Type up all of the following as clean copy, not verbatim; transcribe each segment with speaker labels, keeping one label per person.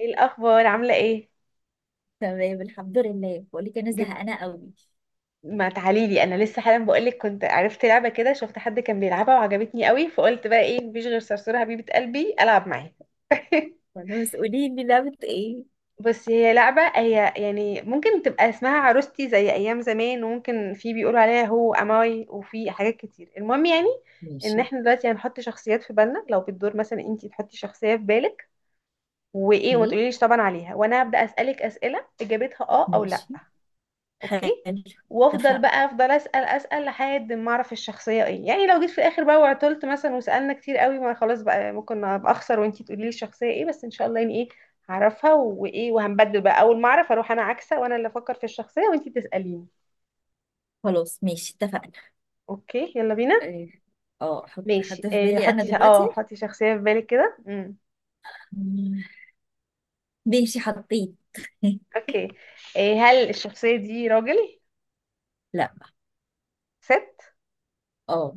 Speaker 1: ايه الاخبار؟ عامله ايه؟
Speaker 2: تمام، الحمد لله. بقول لك انا
Speaker 1: جبت.
Speaker 2: زهقانه قوي.
Speaker 1: ما تعالي لي، انا لسه حالا بقولك كنت عرفت لعبه كده، شفت حد كان بيلعبها وعجبتني قوي، فقلت بقى ايه، مفيش غير صرصور حبيبه قلبي العب معاه.
Speaker 2: خلاص، قولي لي لعبه ايه؟
Speaker 1: بس هي لعبه، هي يعني ممكن تبقى اسمها عروستي زي ايام زمان، وممكن في بيقولوا عليها هو اماي، وفي حاجات كتير، المهم يعني ان
Speaker 2: ماشي.
Speaker 1: احنا دلوقتي هنحط شخصيات في بالنا. لو بتدور مثلا، انتي تحطي شخصيه في بالك، وايه وما
Speaker 2: اوكي.
Speaker 1: تقوليليش طبعا عليها، وانا هبدا اسالك اسئله اجابتها اه او لا.
Speaker 2: ماشي.
Speaker 1: اوكي،
Speaker 2: حلو.
Speaker 1: وافضل
Speaker 2: اتفقنا.
Speaker 1: بقى افضل اسال اسال لحد ما اعرف الشخصيه ايه. يعني لو جيت في الاخر بقى وعطلت مثلا وسالنا كتير قوي، ما خلاص بقى ممكن ابقى اخسر وانتي تقولي لي الشخصيه ايه، بس ان شاء الله يعني ايه هعرفها. وايه وهنبدل بقى، اول ما اعرف اروح انا عكسه وانا اللي افكر في الشخصيه وانتي تساليني.
Speaker 2: خلاص، ماشي، اتفقنا.
Speaker 1: اوكي، يلا بينا.
Speaker 2: إيه، اه احط
Speaker 1: ماشي،
Speaker 2: حد في
Speaker 1: إيه،
Speaker 2: بالي انا
Speaker 1: حطي
Speaker 2: دلوقتي.
Speaker 1: حطي شخصيه في بالك كده.
Speaker 2: مم، ماشي، حطيت.
Speaker 1: اوكي. إيه، هل الشخصيه دي راجل؟
Speaker 2: لا.
Speaker 1: ست؟
Speaker 2: اه.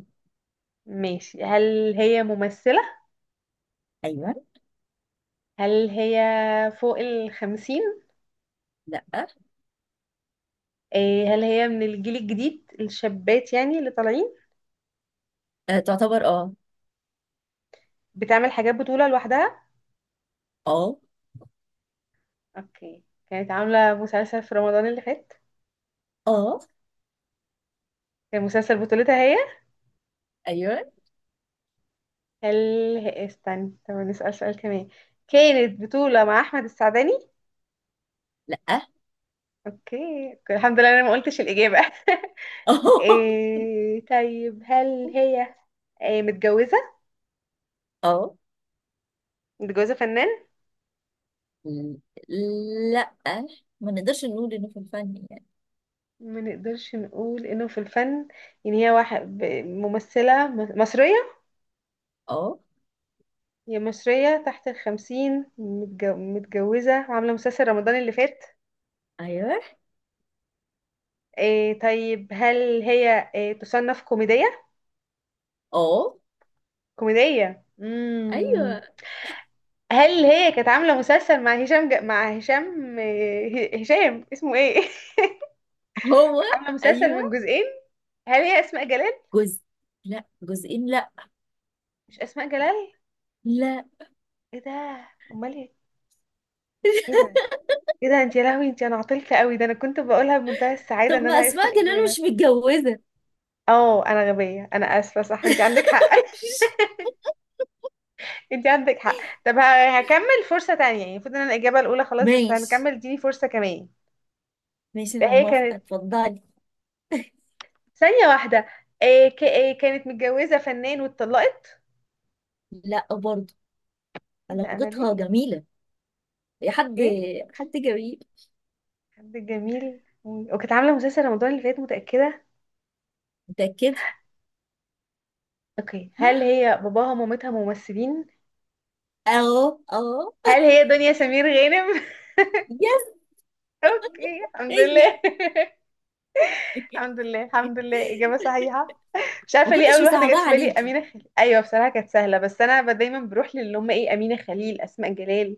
Speaker 1: ماشي. هل هي ممثله؟
Speaker 2: ايوه.
Speaker 1: هل هي فوق ال50؟
Speaker 2: لا.
Speaker 1: هل هي من الجيل الجديد، الشابات يعني اللي طالعين؟
Speaker 2: أه، تعتبر اه.
Speaker 1: بتعمل حاجات بطولة لوحدها؟
Speaker 2: اه.
Speaker 1: اوكي. كانت عاملة مسلسل في رمضان اللي فات؟
Speaker 2: اه.
Speaker 1: كان مسلسل بطولتها هي؟
Speaker 2: ايوه.
Speaker 1: هل هي- إيه، استنى، طب نسأل سؤال كمان. كانت بطولة مع أحمد السعداني؟
Speaker 2: لا. اه.
Speaker 1: اوكي، الحمد لله انا ما قلتش الإجابة. إيه طيب، هل هي إيه متجوزة؟
Speaker 2: اه.
Speaker 1: متجوزة فنان؟
Speaker 2: ل- لا، ما نقدرش نقول انه في الفن يعني.
Speaker 1: ما نقدرش نقول انه في الفن يعني؟ هي واحد ممثلة مصرية؟
Speaker 2: اه.
Speaker 1: هي مصرية تحت ال50، متجوزة، وعاملة مسلسل رمضان اللي فات.
Speaker 2: ايوه.
Speaker 1: إيه طيب، هل هي إيه تصنف كوميدية؟
Speaker 2: اه.
Speaker 1: كوميدية.
Speaker 2: ايوه.
Speaker 1: هل هي كانت عاملة مسلسل مع هشام مع هشام، هشام اسمه ايه؟
Speaker 2: هو.
Speaker 1: كانت عاملة مسلسل من
Speaker 2: ايوه.
Speaker 1: جزئين؟ هل هي أسماء جلال؟
Speaker 2: جزء. لا، جزئين. لا.
Speaker 1: مش أسماء جلال؟
Speaker 2: لا.
Speaker 1: ايه ده؟ أمال ايه؟ ايه ده؟ ايه ده؟ انت يا لهوي انت، انا عطلت قوي ده، انا كنت بقولها بمنتهى السعادة
Speaker 2: طب
Speaker 1: ان انا
Speaker 2: ما
Speaker 1: عرفت
Speaker 2: اسماء جلال
Speaker 1: الإجابة.
Speaker 2: مش متجوزه؟
Speaker 1: اه انا غبية، انا اسفة، صح انت عندك حق، انت عندك حق. طب هكمل فرصة تانية. يعني المفروض ان انا الإجابة الأولى خلاص، بس
Speaker 2: ماشي،
Speaker 1: هنكمل، اديني فرصة كمان.
Speaker 2: ماشي،
Speaker 1: ده
Speaker 2: انا
Speaker 1: هي
Speaker 2: موافقه،
Speaker 1: كانت،
Speaker 2: اتفضلي.
Speaker 1: ثانية واحدة، إيه كانت متجوزة فنان واتطلقت؟
Speaker 2: لا برضه.
Speaker 1: ايه ده، انا
Speaker 2: علاقتها
Speaker 1: ليه؟
Speaker 2: جميله، يا حد،
Speaker 1: ايه
Speaker 2: حد جميل.
Speaker 1: حد جميل، وكانت عاملة مسلسل رمضان اللي فات، متأكدة؟
Speaker 2: متاكد.
Speaker 1: اوكي.
Speaker 2: ها.
Speaker 1: هل هي باباها ومامتها ممثلين؟
Speaker 2: اه. اه.
Speaker 1: هل هي دنيا سمير غانم؟
Speaker 2: يس.
Speaker 1: اوكي الحمد
Speaker 2: هي.
Speaker 1: لله. الحمد لله، الحمد لله إجابة صحيحة. مش
Speaker 2: ما
Speaker 1: عارفه ليه
Speaker 2: كنتش
Speaker 1: اول واحده جت
Speaker 2: مصعباها
Speaker 1: في بالي
Speaker 2: عليكي.
Speaker 1: امينه خليل. ايوه بصراحه كانت سهله، بس انا دايما بروح للي هم ايه، امينه خليل، اسماء جلال.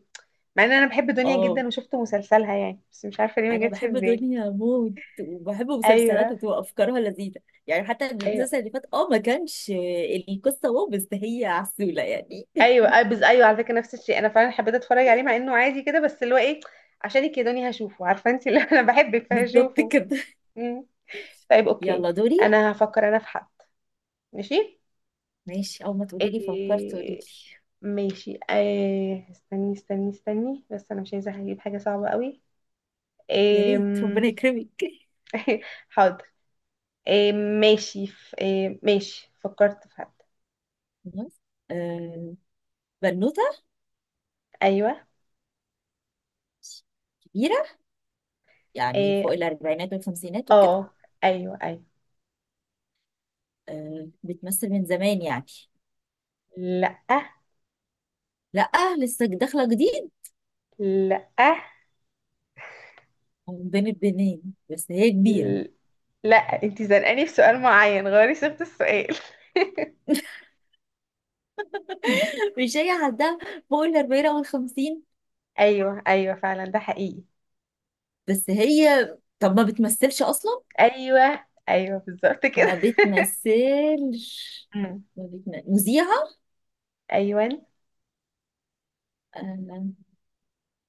Speaker 1: مع ان انا بحب دنيا
Speaker 2: اه،
Speaker 1: جدا، وشفت مسلسلها يعني، بس مش عارفه ليه ما
Speaker 2: انا
Speaker 1: جاتش في
Speaker 2: بحب
Speaker 1: بالي.
Speaker 2: دنيا موت، وبحب
Speaker 1: ايوه،
Speaker 2: مسلسلاتها، بتبقى افكارها لذيذه. يعني حتى
Speaker 1: ايوه.
Speaker 2: المسلسل اللي فات ما كانش القصه واو، بس هي عسوله يعني.
Speaker 1: ايوه ايوه, على فكره نفس الشيء، انا فعلا حبيت اتفرج عليه مع انه عادي كده، بس اللي هو ايه، عشانك يا دنيا هشوفه، عارفه انت اللي انا بحبك
Speaker 2: بالظبط
Speaker 1: فهشوفه.
Speaker 2: كده.
Speaker 1: مم. طيب اوكي،
Speaker 2: يلا دوري.
Speaker 1: انا هفكر انا في حد. ماشي،
Speaker 2: ماشي، اول ما تقولي لي فكرت قولي لي.
Speaker 1: إيه... ماشي، إيه، استني استني استني، بس انا مش عايزه اجيب حاجه صعبه قوي.
Speaker 2: يا
Speaker 1: إيه.
Speaker 2: ريت ربنا يكرمك.
Speaker 1: حاضر. إيه ماشي، ف... إيه ماشي فكرت في حد.
Speaker 2: خلاص. آه، بنوته
Speaker 1: ايوه.
Speaker 2: كبيره، يعني
Speaker 1: إيه
Speaker 2: فوق الاربعينات والخمسينات وكده.
Speaker 1: اه. ايوه ايوه.
Speaker 2: آه، بتمثل من زمان يعني.
Speaker 1: لا،
Speaker 2: لا، لسه داخله جديد،
Speaker 1: لا،
Speaker 2: من بين البنين، بس هي كبيره.
Speaker 1: لا، انتي زنقاني في سؤال معين، غيري صيغة السؤال.
Speaker 2: مش هي عندها فوق الاربعين او الخمسين؟
Speaker 1: ايوه ايوه فعلا، ده حقيقي.
Speaker 2: بس هي طب ما بتمثلش اصلا.
Speaker 1: ايوه ايوه بالظبط كده.
Speaker 2: ما بتمثلش.
Speaker 1: أمم.
Speaker 2: ما بتم... مذيعة.
Speaker 1: ايوه.
Speaker 2: آه،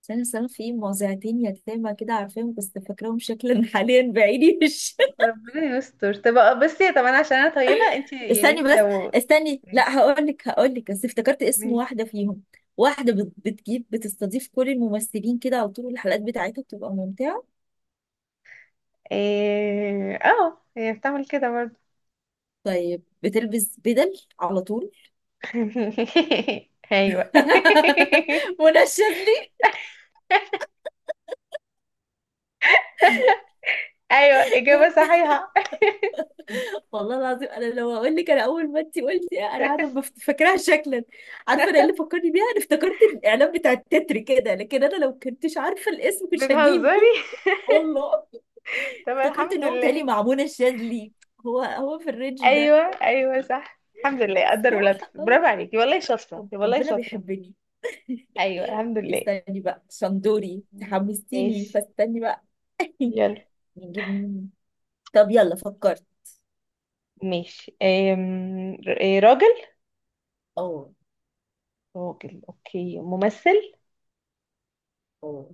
Speaker 2: سنة سنة في مذيعتين يتامى كده، عارفاهم بس فاكراهم شكلا. حاليا بعيني مش.
Speaker 1: ربنا يستر. طب آه، بصي، طب انا عشان انا طيبة، انتي يعني
Speaker 2: استني
Speaker 1: انتي
Speaker 2: بس.
Speaker 1: لو.
Speaker 2: استني، لا، هقول لك، بس افتكرت اسم
Speaker 1: ماشي.
Speaker 2: واحدة فيهم. واحدة بتجيب، بتستضيف كل الممثلين كده على طول، الحلقات بتاعتها بتبقى ممتعة.
Speaker 1: إيه، اه هي بتعمل كده برضه.
Speaker 2: طيب بتلبس بدل على طول.
Speaker 1: ايوه.
Speaker 2: منشز لي.
Speaker 1: ايوه اجابه صحيحه.
Speaker 2: والله العظيم انا لو هقول لك، انا اول ما انت قلتي انا قاعده فاكراها شكلا. عارفه انا إيه اللي فكرني بيها؟ انا افتكرت الاعلان بتاع التتر كده، لكن انا لو كنتش عارفه الاسم مش
Speaker 1: بتهزري؟
Speaker 2: هجيبه. والله
Speaker 1: طب
Speaker 2: افتكرت ان
Speaker 1: الحمد
Speaker 2: هو متهيألي
Speaker 1: لله.
Speaker 2: مع منى الشاذلي، هو هو في الرينج ده.
Speaker 1: ايوه ايوه صح، الحمد لله قدر ولا
Speaker 2: صح.
Speaker 1: تقدر. برافو
Speaker 2: آه.
Speaker 1: عليكي والله، شاطره والله،
Speaker 2: ربنا
Speaker 1: شاطره.
Speaker 2: بيحبني.
Speaker 1: ايوه الحمد لله.
Speaker 2: استني بقى شندوري، تحمستيني،
Speaker 1: ماشي،
Speaker 2: فاستني بقى.
Speaker 1: يلا.
Speaker 2: نجيب مين؟ طب يلا فكرت.
Speaker 1: ماشي، أم... ر- إيه، راجل؟
Speaker 2: اه.
Speaker 1: راجل. اوكي، ممثل؟
Speaker 2: اه،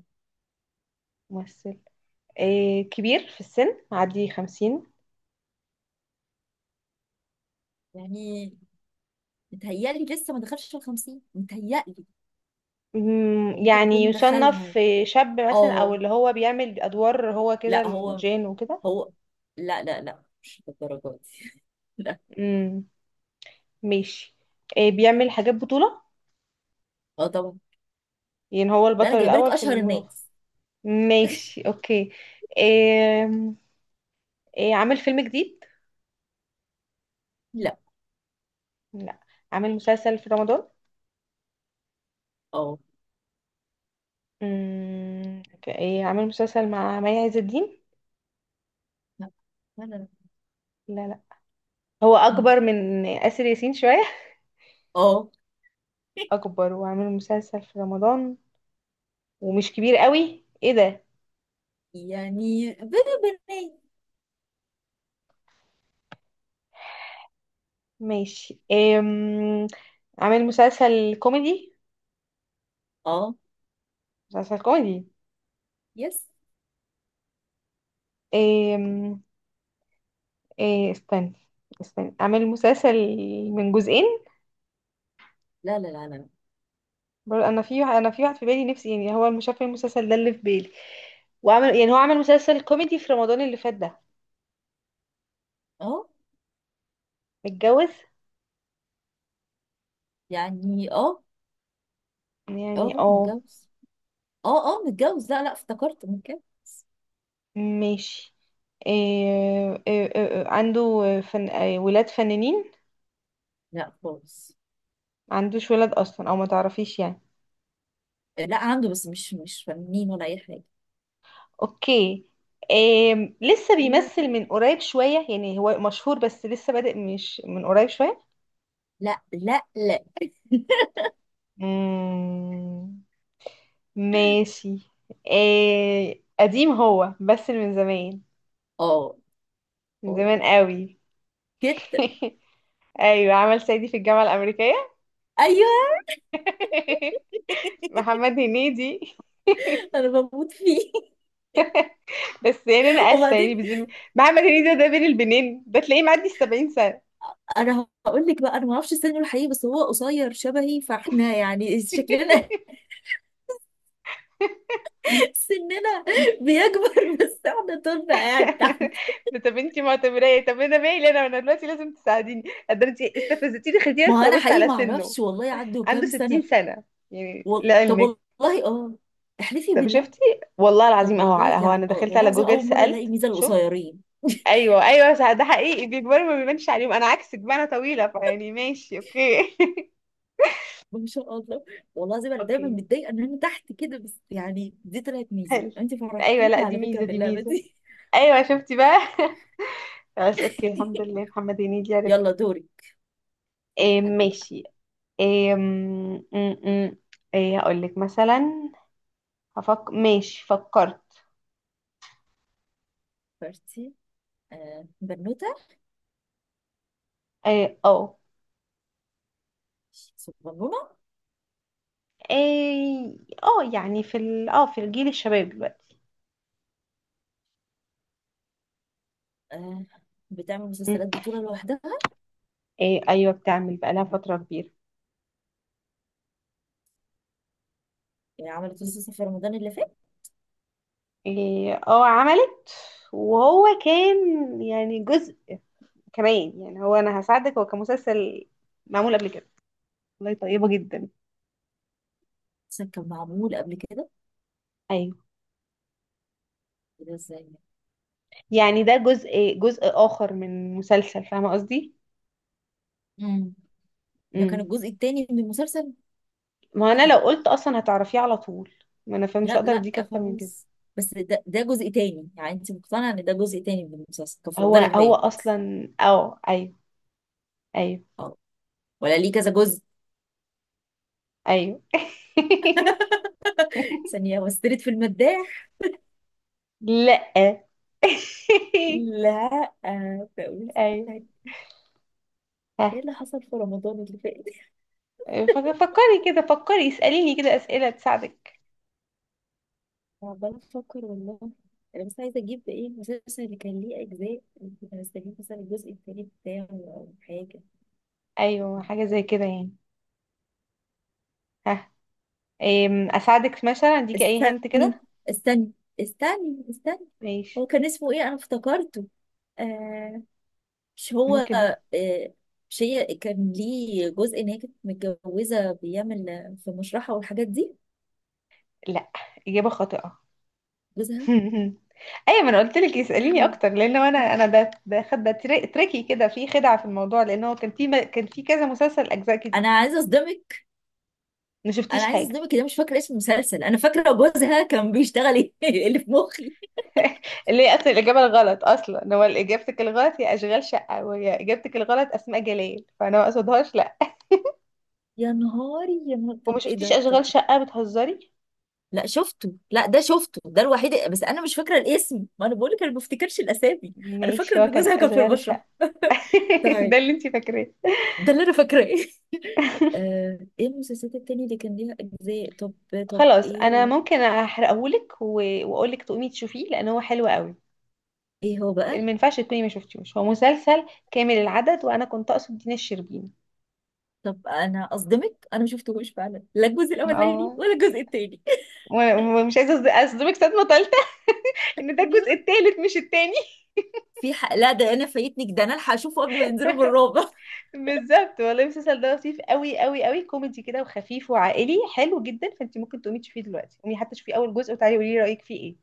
Speaker 1: ممثل. إيه كبير في السن، عادي 50؟
Speaker 2: يعني متهيألي لسه ما دخلش ال 50، متهيألي. هو ممكن
Speaker 1: يعني
Speaker 2: يكون دخلها.
Speaker 1: يصنف شاب مثلا، او
Speaker 2: اه.
Speaker 1: اللي هو بيعمل ادوار هو كده
Speaker 2: لا هو.
Speaker 1: الجين وكده.
Speaker 2: هو. لا، لا، لا، مش للدرجه دي. لا.
Speaker 1: امم، ماشي. إيه بيعمل حاجات بطولة؟
Speaker 2: اه طبعا.
Speaker 1: يعني هو
Speaker 2: لا،
Speaker 1: البطل
Speaker 2: انا جايبه لك
Speaker 1: الاول في
Speaker 2: اشهر الناس.
Speaker 1: ماشي، اوكي. إيه. إيه عامل فيلم جديد؟
Speaker 2: لا.
Speaker 1: لا، عامل مسلسل في رمضان؟
Speaker 2: اه.
Speaker 1: امم. إيه عامل مسلسل مع مي عز الدين؟
Speaker 2: لا، لا، لا، لا.
Speaker 1: لا، لا. هو
Speaker 2: مم.
Speaker 1: اكبر من آسر ياسين شوية.
Speaker 2: اه.
Speaker 1: اكبر وعامل مسلسل في رمضان، ومش كبير قوي؟ ايه ده.
Speaker 2: يعني بيبي بنات.
Speaker 1: ماشي، عامل مسلسل كوميدي؟
Speaker 2: اه.
Speaker 1: مسلسل كوميدي.
Speaker 2: يس.
Speaker 1: أم... إيه استنى، استنى. عامل مسلسل من جزئين؟
Speaker 2: لا، لا، لا، لا، لا.
Speaker 1: برضه انا في واحد في بالي نفسي يعني، هو مش عارفه إيه المسلسل ده اللي في بالي. وعمل يعني، هو عمل مسلسل كوميدي في رمضان اللي فات ده.
Speaker 2: اه،
Speaker 1: متجوز؟
Speaker 2: يعني اه.
Speaker 1: يعني
Speaker 2: اه
Speaker 1: اه.
Speaker 2: متجوز. اه، اه، متجوز. لا، لا، افتكرت متجوز.
Speaker 1: ماشي، إيه، عنده فن... آه، ولاد فنانين؟
Speaker 2: لا خالص.
Speaker 1: ما عندوش ولاد اصلا، او ما تعرفيش يعني؟
Speaker 2: لا، عنده، بس مش فنانين ولا اي حاجه.
Speaker 1: اوكي. آم، لسه
Speaker 2: أيوة.
Speaker 1: بيمثل من قريب شوية؟ يعني هو مشهور بس لسه بادئ مش من قريب شوية؟
Speaker 2: لا، لا، لا.
Speaker 1: مم، ماشي. آه، قديم هو بس؟ من زمان؟
Speaker 2: اه.
Speaker 1: من
Speaker 2: اه
Speaker 1: زمان قوي؟
Speaker 2: جدا.
Speaker 1: ايوه، عمل صعيدي في الجامعة الأمريكية.
Speaker 2: ايوه.
Speaker 1: محمد هنيدي.
Speaker 2: انا بموت فيه.
Speaker 1: بس يعني انا اسفه يعني
Speaker 2: وبعدين،
Speaker 1: محمد هنيدي ده بين البنين، ده تلاقيه معدي ال70 سنه.
Speaker 2: انا هقول لك بقى، انا ما اعرفش سنه الحقيقي، بس هو قصير شبهي، فاحنا يعني شكلنا. سننا بيكبر بس احنا طولنا قاعد تحت.
Speaker 1: طب انتي معتبراه ايه؟ طب انا مالي، انا دلوقتي لازم تساعديني. قد انتي استفزتيني، خديني
Speaker 2: ما هو
Speaker 1: ادخل
Speaker 2: انا
Speaker 1: ابص
Speaker 2: حقيقي
Speaker 1: على
Speaker 2: ما
Speaker 1: سنه.
Speaker 2: اعرفش والله عنده
Speaker 1: عنده
Speaker 2: كام
Speaker 1: 60
Speaker 2: سنه.
Speaker 1: سنه يعني
Speaker 2: طب
Speaker 1: لعلمك.
Speaker 2: والله. اه، احلفي
Speaker 1: طب
Speaker 2: بالله.
Speaker 1: شفتي، والله
Speaker 2: طب
Speaker 1: العظيم اهو
Speaker 2: والله
Speaker 1: على اهو، انا
Speaker 2: يعني. آه،
Speaker 1: دخلت
Speaker 2: والله
Speaker 1: على
Speaker 2: العظيم
Speaker 1: جوجل
Speaker 2: اول مره الاقي
Speaker 1: سالت
Speaker 2: ميزه
Speaker 1: شفت.
Speaker 2: القصيرين.
Speaker 1: ايوه ايوه صح، ده حقيقي بيكبروا ما بيبانش عليهم، انا عكسك بقى انا طويله، فيعني ماشي اوكي.
Speaker 2: ما شاء الله، والله العظيم انا دايما
Speaker 1: اوكي،
Speaker 2: متضايقه ان انا تحت كده، بس يعني دي طلعت ميزه،
Speaker 1: حلو.
Speaker 2: انت
Speaker 1: ايوه، لا
Speaker 2: فرحتيني
Speaker 1: دي
Speaker 2: على فكره
Speaker 1: ميزه،
Speaker 2: في
Speaker 1: دي
Speaker 2: اللعبه
Speaker 1: ميزه.
Speaker 2: دي.
Speaker 1: ايوه شفتي بقى. خلاص اوكي، الحمد لله محمد هنيدي عرفت.
Speaker 2: يلا دوري. في
Speaker 1: إيه
Speaker 2: حد بقى.
Speaker 1: ماشي، إيه م- م- إيه هقول لك مثلا. هفك ماشي فكرت.
Speaker 2: بارتي. آه، بنوتة
Speaker 1: إيه اه.
Speaker 2: صغنونة.
Speaker 1: إيه اه، يعني في ال... اه في الجيل الشباب دلوقتي.
Speaker 2: آه، بتعمل
Speaker 1: م.
Speaker 2: مسلسلات بطولة لوحدها.
Speaker 1: إيه ايوه بتعمل بقالها فترة كبيرة.
Speaker 2: يعني عملت مسلسل في رمضان اللي فات.
Speaker 1: إيه اه عملت. وهو كان يعني جزء كمان. يعني هو انا هساعدك، هو كان مسلسل معمول قبل كده. والله طيبة جدا.
Speaker 2: مسلسل كان معمول قبل كده؟
Speaker 1: ايوه
Speaker 2: إيه ده ازاي يعني؟
Speaker 1: يعني ده جزء، جزء اخر من مسلسل، فاهمة قصدي؟
Speaker 2: امم. ده كان
Speaker 1: مم.
Speaker 2: الجزء التاني من المسلسل.
Speaker 1: ما
Speaker 2: ايه
Speaker 1: انا
Speaker 2: ده؟
Speaker 1: لو قلت اصلا هتعرفيه على طول. ما انا فمش
Speaker 2: لا،
Speaker 1: هقدر
Speaker 2: لا،
Speaker 1: اديك اكتر من كده.
Speaker 2: خلاص. بس ده جزء تاني، يعني انت مقتنعة ان ده جزء تاني من المسلسل كان في
Speaker 1: هو
Speaker 2: رمضان اللي
Speaker 1: هو
Speaker 2: فات؟
Speaker 1: اصلا اه ايوه. ايوه.
Speaker 2: اه، ولا ليه كذا جزء؟
Speaker 1: ايوه.
Speaker 2: ثانية وسترت في المداح.
Speaker 1: لا.
Speaker 2: لا. آه، فقلت.
Speaker 1: ايوه. ها.
Speaker 2: ايه اللي حصل في رمضان اللي فات؟
Speaker 1: فكري كده، فكري اسأليني كده اسئلة تساعدك.
Speaker 2: عمالة أفكر والله. أنا بس عايزة أجيب إيه المسلسل اللي كان ليه أجزاء، كنت هستجيب مثلا الجزء التاني بتاعه أو حاجة.
Speaker 1: ايوه حاجة زي كده يعني. ها. أم، اساعدك مثلا اديكي اي هنت
Speaker 2: استني،
Speaker 1: كده.
Speaker 2: استني، استني، استني.
Speaker 1: ماشي.
Speaker 2: هو كان اسمه إيه؟ أنا افتكرته. آه، مش هو.
Speaker 1: ممكن.
Speaker 2: آه، مش هي كان ليه جزء إن هي كانت متجوزة بيعمل في مشرحة والحاجات دي،
Speaker 1: لا، اجابة خاطئة.
Speaker 2: جوزها؟
Speaker 1: ايوه ما انا قلت لك اساليني
Speaker 2: لهوي.
Speaker 1: اكتر، لان انا انا ده خد ده تريكي كده، في خدعه في الموضوع، لان هو كان في كان في كذا مسلسل اجزاء
Speaker 2: انا
Speaker 1: كتير.
Speaker 2: عايزه اصدمك.
Speaker 1: ما
Speaker 2: انا
Speaker 1: شفتيش
Speaker 2: عايزه
Speaker 1: حاجه.
Speaker 2: اصدمك إن انا مش فاكره اسم المسلسل، انا فاكره جوزها كان بيشتغل ايه اللي في مخي.
Speaker 1: اللي هي اصلا الاجابه الغلط، اصلا هو اجابتك الغلط هي اشغال شقه، وهي اجابتك الغلط اسماء جلال، فانا ما اقصدهاش لا.
Speaker 2: يا نهاري يا نهار،
Speaker 1: وما
Speaker 2: طب ايه
Speaker 1: شفتيش
Speaker 2: ده طب؟
Speaker 1: اشغال شقه؟ بتهزري؟
Speaker 2: لا شفته، لا ده شفته، ده الوحيد، بس انا مش فاكره الاسم، ما انا بقول لك انا ما بفتكرش الاسامي. انا فاكره
Speaker 1: ماشي هو
Speaker 2: ان
Speaker 1: كان
Speaker 2: جوزها كان في
Speaker 1: اشغال
Speaker 2: البشره.
Speaker 1: شقه. ده
Speaker 2: طيب،
Speaker 1: اللي انت فاكراه؟
Speaker 2: ده اللي انا فاكراه. آه، ايه المسلسلات التانية اللي كان ليها اجزاء طب؟ طب
Speaker 1: خلاص انا
Speaker 2: ايه،
Speaker 1: ممكن احرقهولك واقولك تقومي تشوفيه لان هو حلو قوي.
Speaker 2: ايه هو
Speaker 1: ما
Speaker 2: بقى؟
Speaker 1: ينفعش تكوني ما شفتيهوش، هو مسلسل كامل العدد، وانا كنت اقصد دينا الشربيني.
Speaker 2: طب انا اصدمك، انا ما شفتهوش فعلا، لا الجزء
Speaker 1: انا
Speaker 2: الاولاني
Speaker 1: اه،
Speaker 2: ولا الجزء التاني.
Speaker 1: و- ومش عايزه اصدمك صدمه ثالثه ان ده الجزء
Speaker 2: ايوه،
Speaker 1: الثالث مش الثاني.
Speaker 2: في حق، لا ده انا فايتني، ده انا الحق اشوفه قبل ما ينزلوا بالرابع.
Speaker 1: بالظبط والله، المسلسل ده لطيف قوي قوي قوي، كوميدي كده وخفيف وعائلي، حلو جدا. فانت ممكن تقومي تشوفيه دلوقتي، قومي حتى تشوفي اول جزء، وتعالي قولي لي رايك فيه ايه.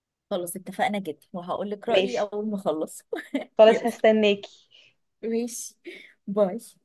Speaker 2: خلاص، اتفقنا جدا، وهقول لك رايي
Speaker 1: ماشي،
Speaker 2: اول ما اخلص.
Speaker 1: خلاص
Speaker 2: يلا.
Speaker 1: هستناكي.
Speaker 2: ماشي. باي.